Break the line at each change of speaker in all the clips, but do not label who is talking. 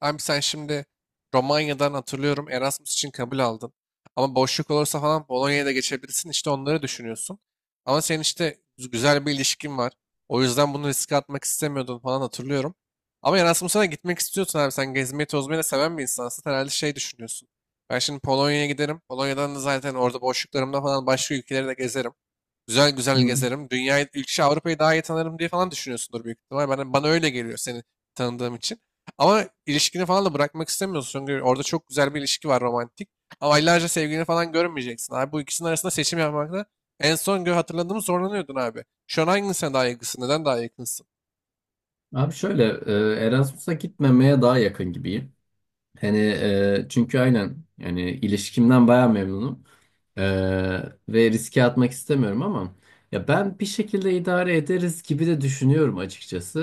Abi sen şimdi Romanya'dan hatırlıyorum Erasmus için kabul aldın. Ama boşluk olursa falan Polonya'ya da geçebilirsin. İşte onları düşünüyorsun. Ama senin işte güzel bir ilişkin var. O yüzden bunu riske atmak istemiyordun falan hatırlıyorum. Ama Erasmus'a da gitmek istiyorsun abi. Sen gezmeyi tozmayı da seven bir insansın. Herhalde şey düşünüyorsun. Ben şimdi Polonya'ya giderim. Polonya'dan da zaten orada boşluklarımda falan başka ülkeleri de gezerim. Güzel güzel
Hı.
gezerim. Dünyayı, ülke, Avrupa'yı daha iyi tanırım diye falan düşünüyorsundur büyük ihtimal. Bana öyle geliyor seni tanıdığım için. Ama ilişkini falan da bırakmak istemiyorsun. Çünkü orada çok güzel bir ilişki var romantik. Ama aylarca sevgilini falan görmeyeceksin abi. Bu ikisinin arasında seçim yapmakta en son hatırladığımı zorlanıyordun abi. Şu an hangisine daha yakınsın? Neden daha yakınsın?
Abi şöyle Erasmus'a gitmemeye daha yakın gibiyim. Hani çünkü aynen yani ilişkimden baya memnunum. E, ve riske atmak istemiyorum ama ya ben bir şekilde idare ederiz gibi de düşünüyorum açıkçası.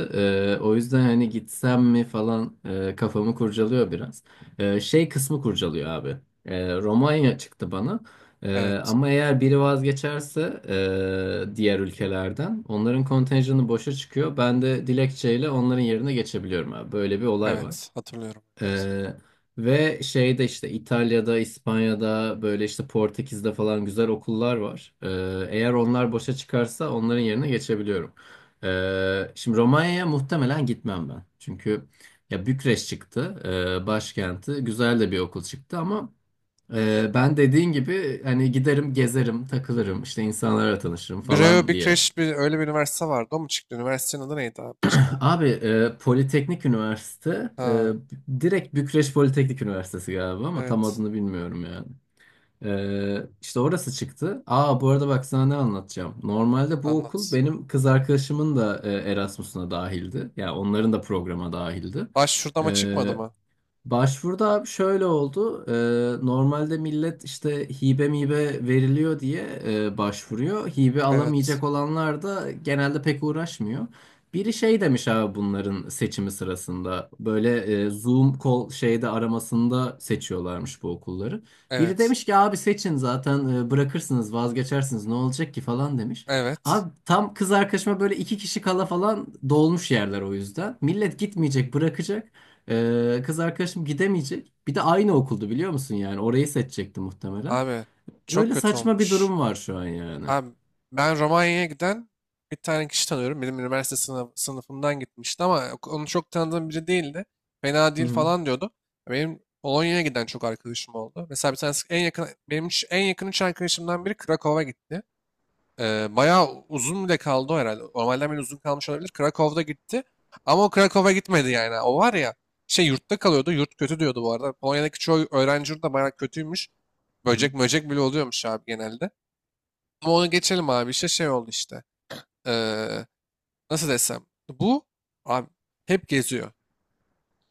O yüzden hani gitsem mi falan kafamı kurcalıyor biraz. Şey kısmı kurcalıyor abi. Romanya çıktı bana.
Evet.
Ama eğer biri vazgeçerse diğer ülkelerden onların kontenjanı boşa çıkıyor. Ben de dilekçeyle onların yerine geçebiliyorum abi. Böyle bir olay var.
Evet, hatırlıyorum.
Ee, Ve şeyde işte İtalya'da, İspanya'da böyle işte Portekiz'de falan güzel okullar var. Eğer onlar boşa çıkarsa onların yerine geçebiliyorum. Şimdi Romanya'ya muhtemelen gitmem ben. Çünkü ya Bükreş çıktı, başkenti. Güzel de bir okul çıktı ama ben dediğin gibi hani giderim, gezerim, takılırım, işte insanlarla tanışırım
Breo
falan
Big
diye.
Crash bir, öyle bir üniversite vardı. O mu çıktı? Üniversitenin adı neydi abi çıkan?
Abi, Politeknik Üniversite
Ha,
direkt Bükreş Politeknik Üniversitesi galiba ama tam
evet.
adını bilmiyorum yani. İşte orası çıktı. Aa, bu arada bak sana ne anlatacağım. Normalde bu okul
Anlat.
benim kız arkadaşımın da Erasmus'una dahildi. Yani onların da programa dahildi.
Baş şurada ama çıkmadı
E,
mı?
Başvuruda abi şöyle oldu. Normalde millet işte hibe mibe veriliyor diye başvuruyor. Hibe
Evet.
alamayacak olanlar da genelde pek uğraşmıyor. Biri şey demiş abi bunların seçimi sırasında. Böyle Zoom call şeyde aramasında seçiyorlarmış bu okulları. Biri
Evet.
demiş ki abi seçin zaten bırakırsınız vazgeçersiniz ne olacak ki falan demiş.
Evet.
Abi tam kız arkadaşıma böyle iki kişi kala falan dolmuş yerler o yüzden. Millet gitmeyecek bırakacak. Kız arkadaşım gidemeyecek. Bir de aynı okuldu biliyor musun yani? Orayı seçecekti muhtemelen.
Abi çok
Öyle
kötü
saçma bir
olmuş.
durum var şu an yani.
Abi ben Romanya'ya giden bir tane kişi tanıyorum. Benim üniversite sınıfımdan gitmişti ama onu çok tanıdığım biri değildi. Fena
Hı
değil
hı,
falan diyordu. Benim Polonya'ya giden çok arkadaşım oldu. Mesela bir tanesi en yakın, benim en yakın üç arkadaşımdan biri Krakow'a gitti. Bayağı uzun bile kaldı o herhalde. Normalden bile uzun kalmış olabilir. Krakow'da gitti. Ama o Krakow'a gitmedi yani. O var ya şey yurtta kalıyordu. Yurt kötü diyordu bu arada. Polonya'daki çoğu öğrenci yurdu da bayağı kötüymüş.
hı hı,
Böcek möcek bile oluyormuş abi genelde. Ama onu geçelim abi. İşte şey oldu işte. Ee, Nasıl desem. Bu abi hep geziyor.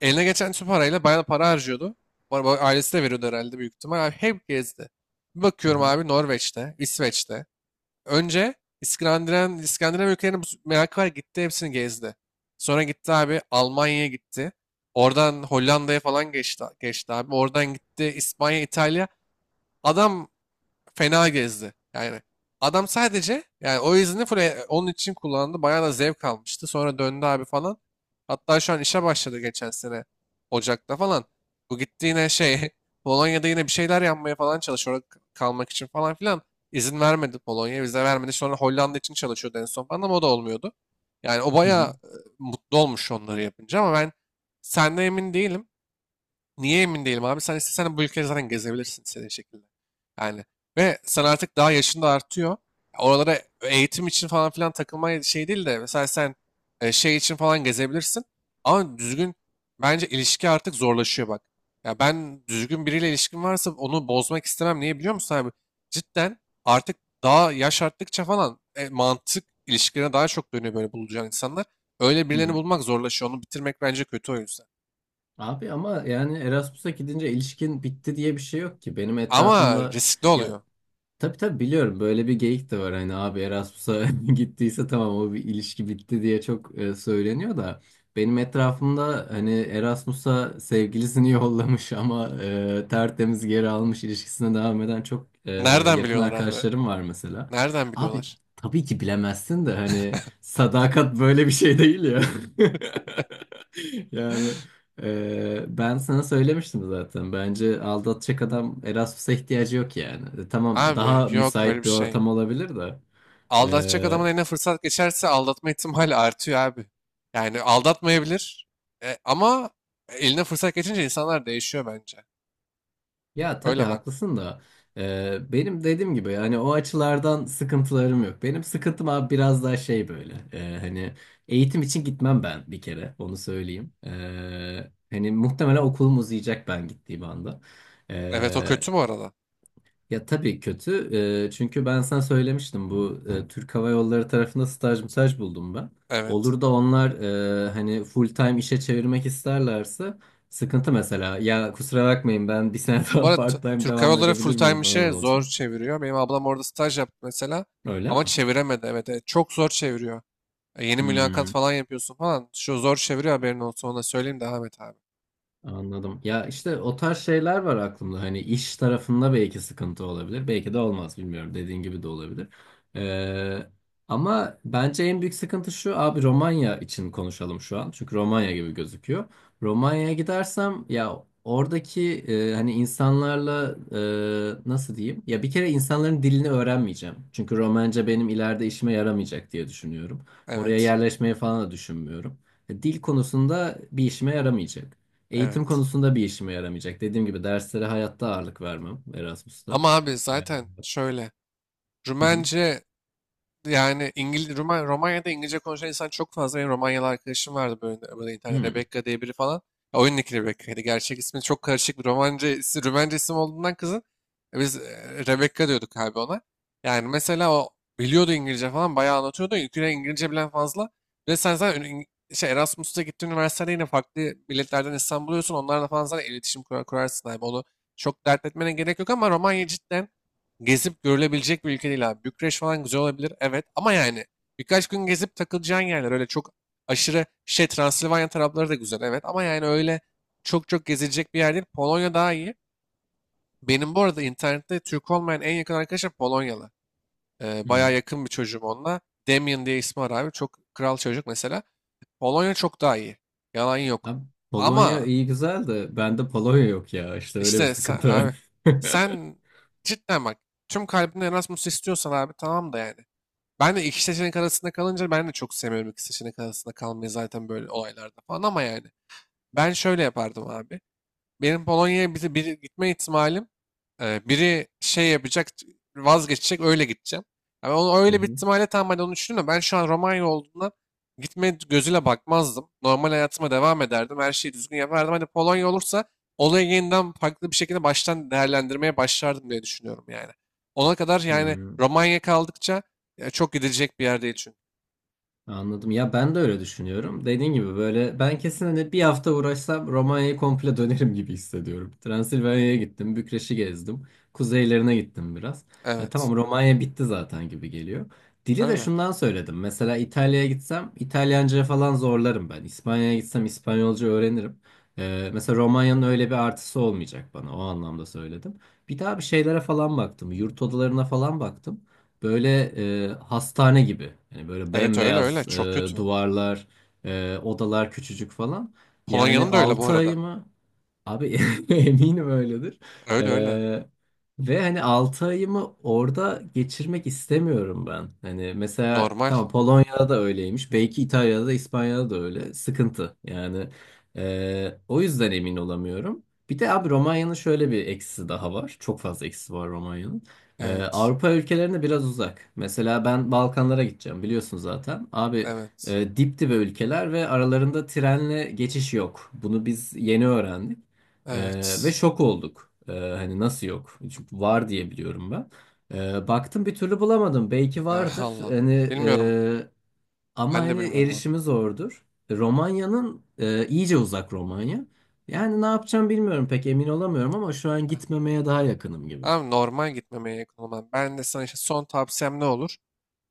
Eline geçen tüm parayla bayağı para harcıyordu. Bu arada ailesi de veriyordu herhalde büyük ihtimal. Abi hep gezdi. Bir
hı
bakıyorum
hı,
abi Norveç'te, İsveç'te. Önce İskandinav ülkelerine bu merakı var gitti hepsini gezdi. Sonra gitti abi Almanya'ya gitti. Oradan Hollanda'ya falan geçti, abi. Oradan gitti İspanya, İtalya. Adam fena gezdi. Yani adam sadece yani o izni full onun için kullandı. Bayağı da zevk almıştı. Sonra döndü abi falan. Hatta şu an işe başladı geçen sene Ocak'ta falan. Bu gitti yine şey Polonya'da yine bir şeyler yapmaya falan çalışıyor. Orada kalmak için falan filan. İzin vermedi Polonya. Vize vermedi. Sonra Hollanda için çalışıyordu en son falan ama o da olmuyordu. Yani o
hı
bayağı
hı,
mutlu olmuş onları yapınca ama ben senden emin değilim. Niye emin değilim abi? Sen istesen bu ülkeyi zaten gezebilirsin istediğin şekilde. Yani ve sen artık daha yaşın da artıyor. Oralara eğitim için falan filan takılma şey değil de mesela sen şey için falan gezebilirsin. Ama düzgün bence ilişki artık zorlaşıyor bak. Ya ben düzgün biriyle ilişkim varsa onu bozmak istemem. Niye biliyor musun abi? Cidden artık daha yaş arttıkça falan mantık ilişkilerine daha çok dönüyor böyle bulacağın insanlar. Öyle
hı
birilerini
hı.
bulmak zorlaşıyor. Onu bitirmek bence kötü o yüzden.
Abi ama yani Erasmus'a gidince ilişkin bitti diye bir şey yok ki. Benim
Ama
etrafımda
riskli
ya.
oluyor.
Tabii tabii biliyorum, böyle bir geyik de var hani abi Erasmus'a gittiyse tamam o bir ilişki bitti diye çok söyleniyor da benim etrafımda hani Erasmus'a sevgilisini yollamış ama tertemiz geri almış, ilişkisine devam eden çok
Nereden
yakın
biliyorlar abi?
arkadaşlarım var mesela.
Nereden
Abi
biliyorlar?
tabii ki bilemezsin de hani sadakat böyle bir şey değil ya. Yani ben sana söylemiştim zaten. Bence aldatacak adam Erasmus'a ihtiyacı yok yani. Tamam,
Abi
daha
yok öyle bir
müsait bir
şey.
ortam olabilir de.
Aldatacak adamın
Ee,
eline fırsat geçerse aldatma ihtimali artıyor abi. Yani aldatmayabilir ama eline fırsat geçince insanlar değişiyor bence.
Ya tabii
Öyle bak.
haklısın da. Benim dediğim gibi yani o açılardan sıkıntılarım yok. Benim sıkıntım abi biraz daha şey böyle. Hani eğitim için gitmem ben, bir kere onu söyleyeyim. Hani muhtemelen okulum uzayacak ben gittiğim anda.
Evet o
Ee,
kötü bu arada.
Ya tabii kötü. Çünkü ben sana söylemiştim, bu Türk Hava Yolları tarafında staj mıtaj buldum ben.
Evet.
Olur da onlar hani full time işe çevirmek isterlerse sıkıntı mesela. Ya kusura bakmayın, ben bir sene
Bu
daha
arada
part time
Türk Hava
devam
Yolları full
edebilir
time
miyim falan
işe zor
olacak.
çeviriyor. Benim ablam orada staj yaptı mesela
Öyle
ama
mi?
çeviremedi. Evet, evet çok zor çeviriyor. E, yeni mülakat
Hmm.
falan yapıyorsun falan. Şu zor çeviriyor haberin olsun ona söyleyeyim devam et abi.
Anladım. Ya işte o tarz şeyler var aklımda. Hani iş tarafında belki sıkıntı olabilir. Belki de olmaz bilmiyorum. Dediğin gibi de olabilir. Ee, Ama bence en büyük sıkıntı şu. Abi Romanya için konuşalım şu an. Çünkü Romanya gibi gözüküyor. Romanya'ya gidersem ya oradaki hani insanlarla nasıl diyeyim? Ya bir kere insanların dilini öğrenmeyeceğim. Çünkü Romence benim ileride işime yaramayacak diye düşünüyorum. Oraya
Evet.
yerleşmeyi falan da düşünmüyorum. Dil konusunda bir işime yaramayacak. Eğitim
Evet.
konusunda bir işime yaramayacak. Dediğim gibi derslere hayatta ağırlık vermem Erasmus'ta.
Ama abi
Evet.
zaten şöyle.
Hı hı.
Rumence yani Romanya'da İngilizce konuşan insan çok fazla. Benim Romanyalı arkadaşım vardı böyle, böyle internet
Hı
Rebecca diye biri falan. Ya, oyundaki Rebecca'ydı. Gerçek ismi çok karışık bir Romance, Rumence isim olduğundan kızın biz Rebecca diyorduk abi ona. Yani mesela o biliyordu İngilizce falan bayağı anlatıyordu. Yüküne İngilizce bilen fazla. Ve sen zaten şey, Erasmus'ta gittiğin üniversitede yine farklı milletlerden insan buluyorsun. Onlarla falan zaten iletişim kurarsın abi. Onu çok dert etmene gerek yok ama Romanya cidden gezip görülebilecek bir ülke değil abi. Bükreş falan güzel olabilir. Evet ama yani birkaç gün gezip takılacağın yerler. Öyle çok aşırı şey Transilvanya tarafları da güzel. Evet ama yani öyle çok çok gezilecek bir yer değil. Polonya daha iyi. Benim bu arada internette Türk olmayan en yakın arkadaşım Polonyalı.
hı.
Bayağı yakın bir çocuğum onunla. Damian diye ismi var abi. Çok kral çocuk mesela. Polonya çok daha iyi. Yalan yok.
Abi, Polonya
Ama
iyi güzel de bende Polonya yok ya. İşte öyle bir
işte
sıkıntı var.
abi sen cidden bak tüm kalbinle Erasmus istiyorsan abi tamam da yani. Ben de iki seçenek arasında kalınca ben de çok sevmiyorum iki seçenek arasında kalmayı zaten böyle olaylarda falan ama yani. Ben şöyle yapardım abi benim Polonya'ya biri gitme ihtimalim biri şey yapacak vazgeçecek öyle gideceğim. Yani onu
Hı
öyle bir
hı.
ihtimalle tam ben onu düşündüm de ben şu an Romanya olduğundan gitme gözüyle bakmazdım. Normal hayatıma devam ederdim. Her şeyi düzgün yapardım. Hani Polonya olursa olayı yeniden farklı bir şekilde baştan değerlendirmeye başlardım diye düşünüyorum yani. Ona kadar yani
Hı.
Romanya kaldıkça çok gidilecek bir yer değil çünkü.
Anladım. Ya ben de öyle düşünüyorum. Dediğin gibi böyle ben kesin hani bir hafta uğraşsam Romanya'yı komple dönerim gibi hissediyorum. Transilvanya'ya gittim, Bükreş'i gezdim, kuzeylerine gittim biraz.
Evet.
Tamam, Romanya bitti zaten gibi geliyor. Dili de
Öyle.
şundan söyledim. Mesela İtalya'ya gitsem İtalyanca falan zorlarım ben. İspanya'ya gitsem İspanyolca öğrenirim. Mesela Romanya'nın öyle bir artısı olmayacak bana. O anlamda söyledim. Bir daha bir şeylere falan baktım. Yurt odalarına falan baktım. Böyle hastane gibi. Yani böyle
Evet öyle öyle.
bembeyaz
Çok kötü.
duvarlar, odalar küçücük falan. Yani
Polonya'nın da öyle bu
6 ay
arada.
mı? Abi eminim öyledir.
Öyle öyle.
Ee, Ve hani 6 ayımı orada geçirmek istemiyorum ben. Hani mesela
Normal.
tamam, Polonya'da da öyleymiş. Belki İtalya'da da İspanya'da da öyle. Sıkıntı yani. O yüzden emin olamıyorum. Bir de abi Romanya'nın şöyle bir eksisi daha var. Çok fazla eksisi var Romanya'nın.
Evet.
Avrupa ülkelerine biraz uzak. Mesela ben Balkanlara gideceğim biliyorsun zaten. Abi
Evet.
dip dibe ülkeler ve aralarında trenle geçiş yok. Bunu biz yeni öğrendik. Ve
Evet.
şok olduk. Hani nasıl yok? Çünkü var diye biliyorum ben. Baktım bir türlü bulamadım. Belki
Ah,
vardır.
Allah.
Hani
Bilmiyorum.
e, ama
Ben de
hani
bilmiyorum onu.
erişimi zordur. Romanya'nın iyice uzak Romanya. Yani ne yapacağım bilmiyorum, pek emin olamıyorum ama şu an
Ah,
gitmemeye daha yakınım gibi.
abi normal gitmemeye yakın olman. Ben de sana işte son tavsiyem ne olur?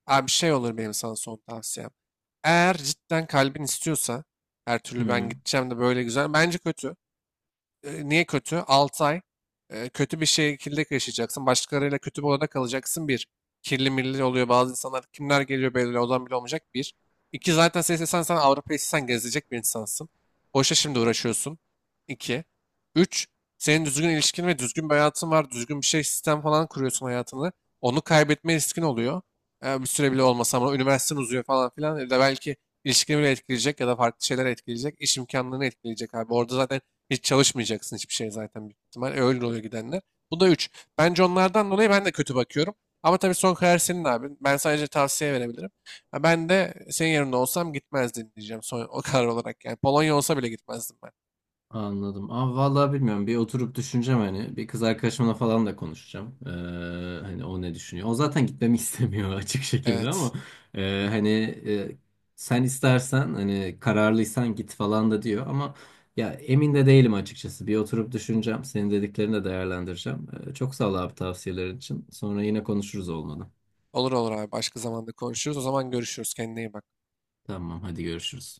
Abi bir şey olur benim sana son tavsiyem. Eğer cidden kalbin istiyorsa her türlü ben
Hmm.
gideceğim de böyle güzel. Bence kötü. E, niye kötü? 6 ay kötü bir şekilde yaşayacaksın. Başkalarıyla kötü bir odada kalacaksın. Bir. Kirli milli oluyor. Bazı insanlar kimler geliyor belli odan bile olmayacak. Bir. İki zaten sen istesen sen Avrupa'yı istesen gezecek bir insansın. Boşa şimdi uğraşıyorsun. İki. Üç. Senin düzgün ilişkin ve düzgün bir hayatın var. Düzgün bir şey sistem falan kuruyorsun hayatını. Onu kaybetme riskin oluyor. E, bir süre bile olmasa ama üniversiten uzuyor falan filan. Ya da belki ilişkini bile etkileyecek ya da farklı şeyler etkileyecek. İş imkanlarını etkileyecek abi. Orada zaten hiç çalışmayacaksın hiçbir şey zaten büyük ihtimal. E, öyle oluyor gidenler. Bu da 3. Bence onlardan dolayı ben de kötü bakıyorum. Ama tabii son karar senin abi. Ben sadece tavsiye verebilirim. Ha, ben de senin yerinde olsam gitmezdim diyeceğim son o karar olarak. Yani Polonya olsa bile gitmezdim ben.
Anladım. Ama vallahi bilmiyorum. Bir oturup düşüneceğim hani. Bir kız arkadaşımla falan da konuşacağım. Hani o ne düşünüyor. O zaten gitmemi istemiyor açık şekilde ama
Evet.
hani e, sen istersen hani kararlıysan git falan da diyor ama ya emin de değilim açıkçası. Bir oturup düşüneceğim. Senin dediklerini de değerlendireceğim. Çok sağ ol abi tavsiyelerin için. Sonra yine konuşuruz olmadı.
Olur olur abi. Başka zamanda konuşuruz. O zaman görüşürüz. Kendine iyi bak.
Tamam hadi görüşürüz.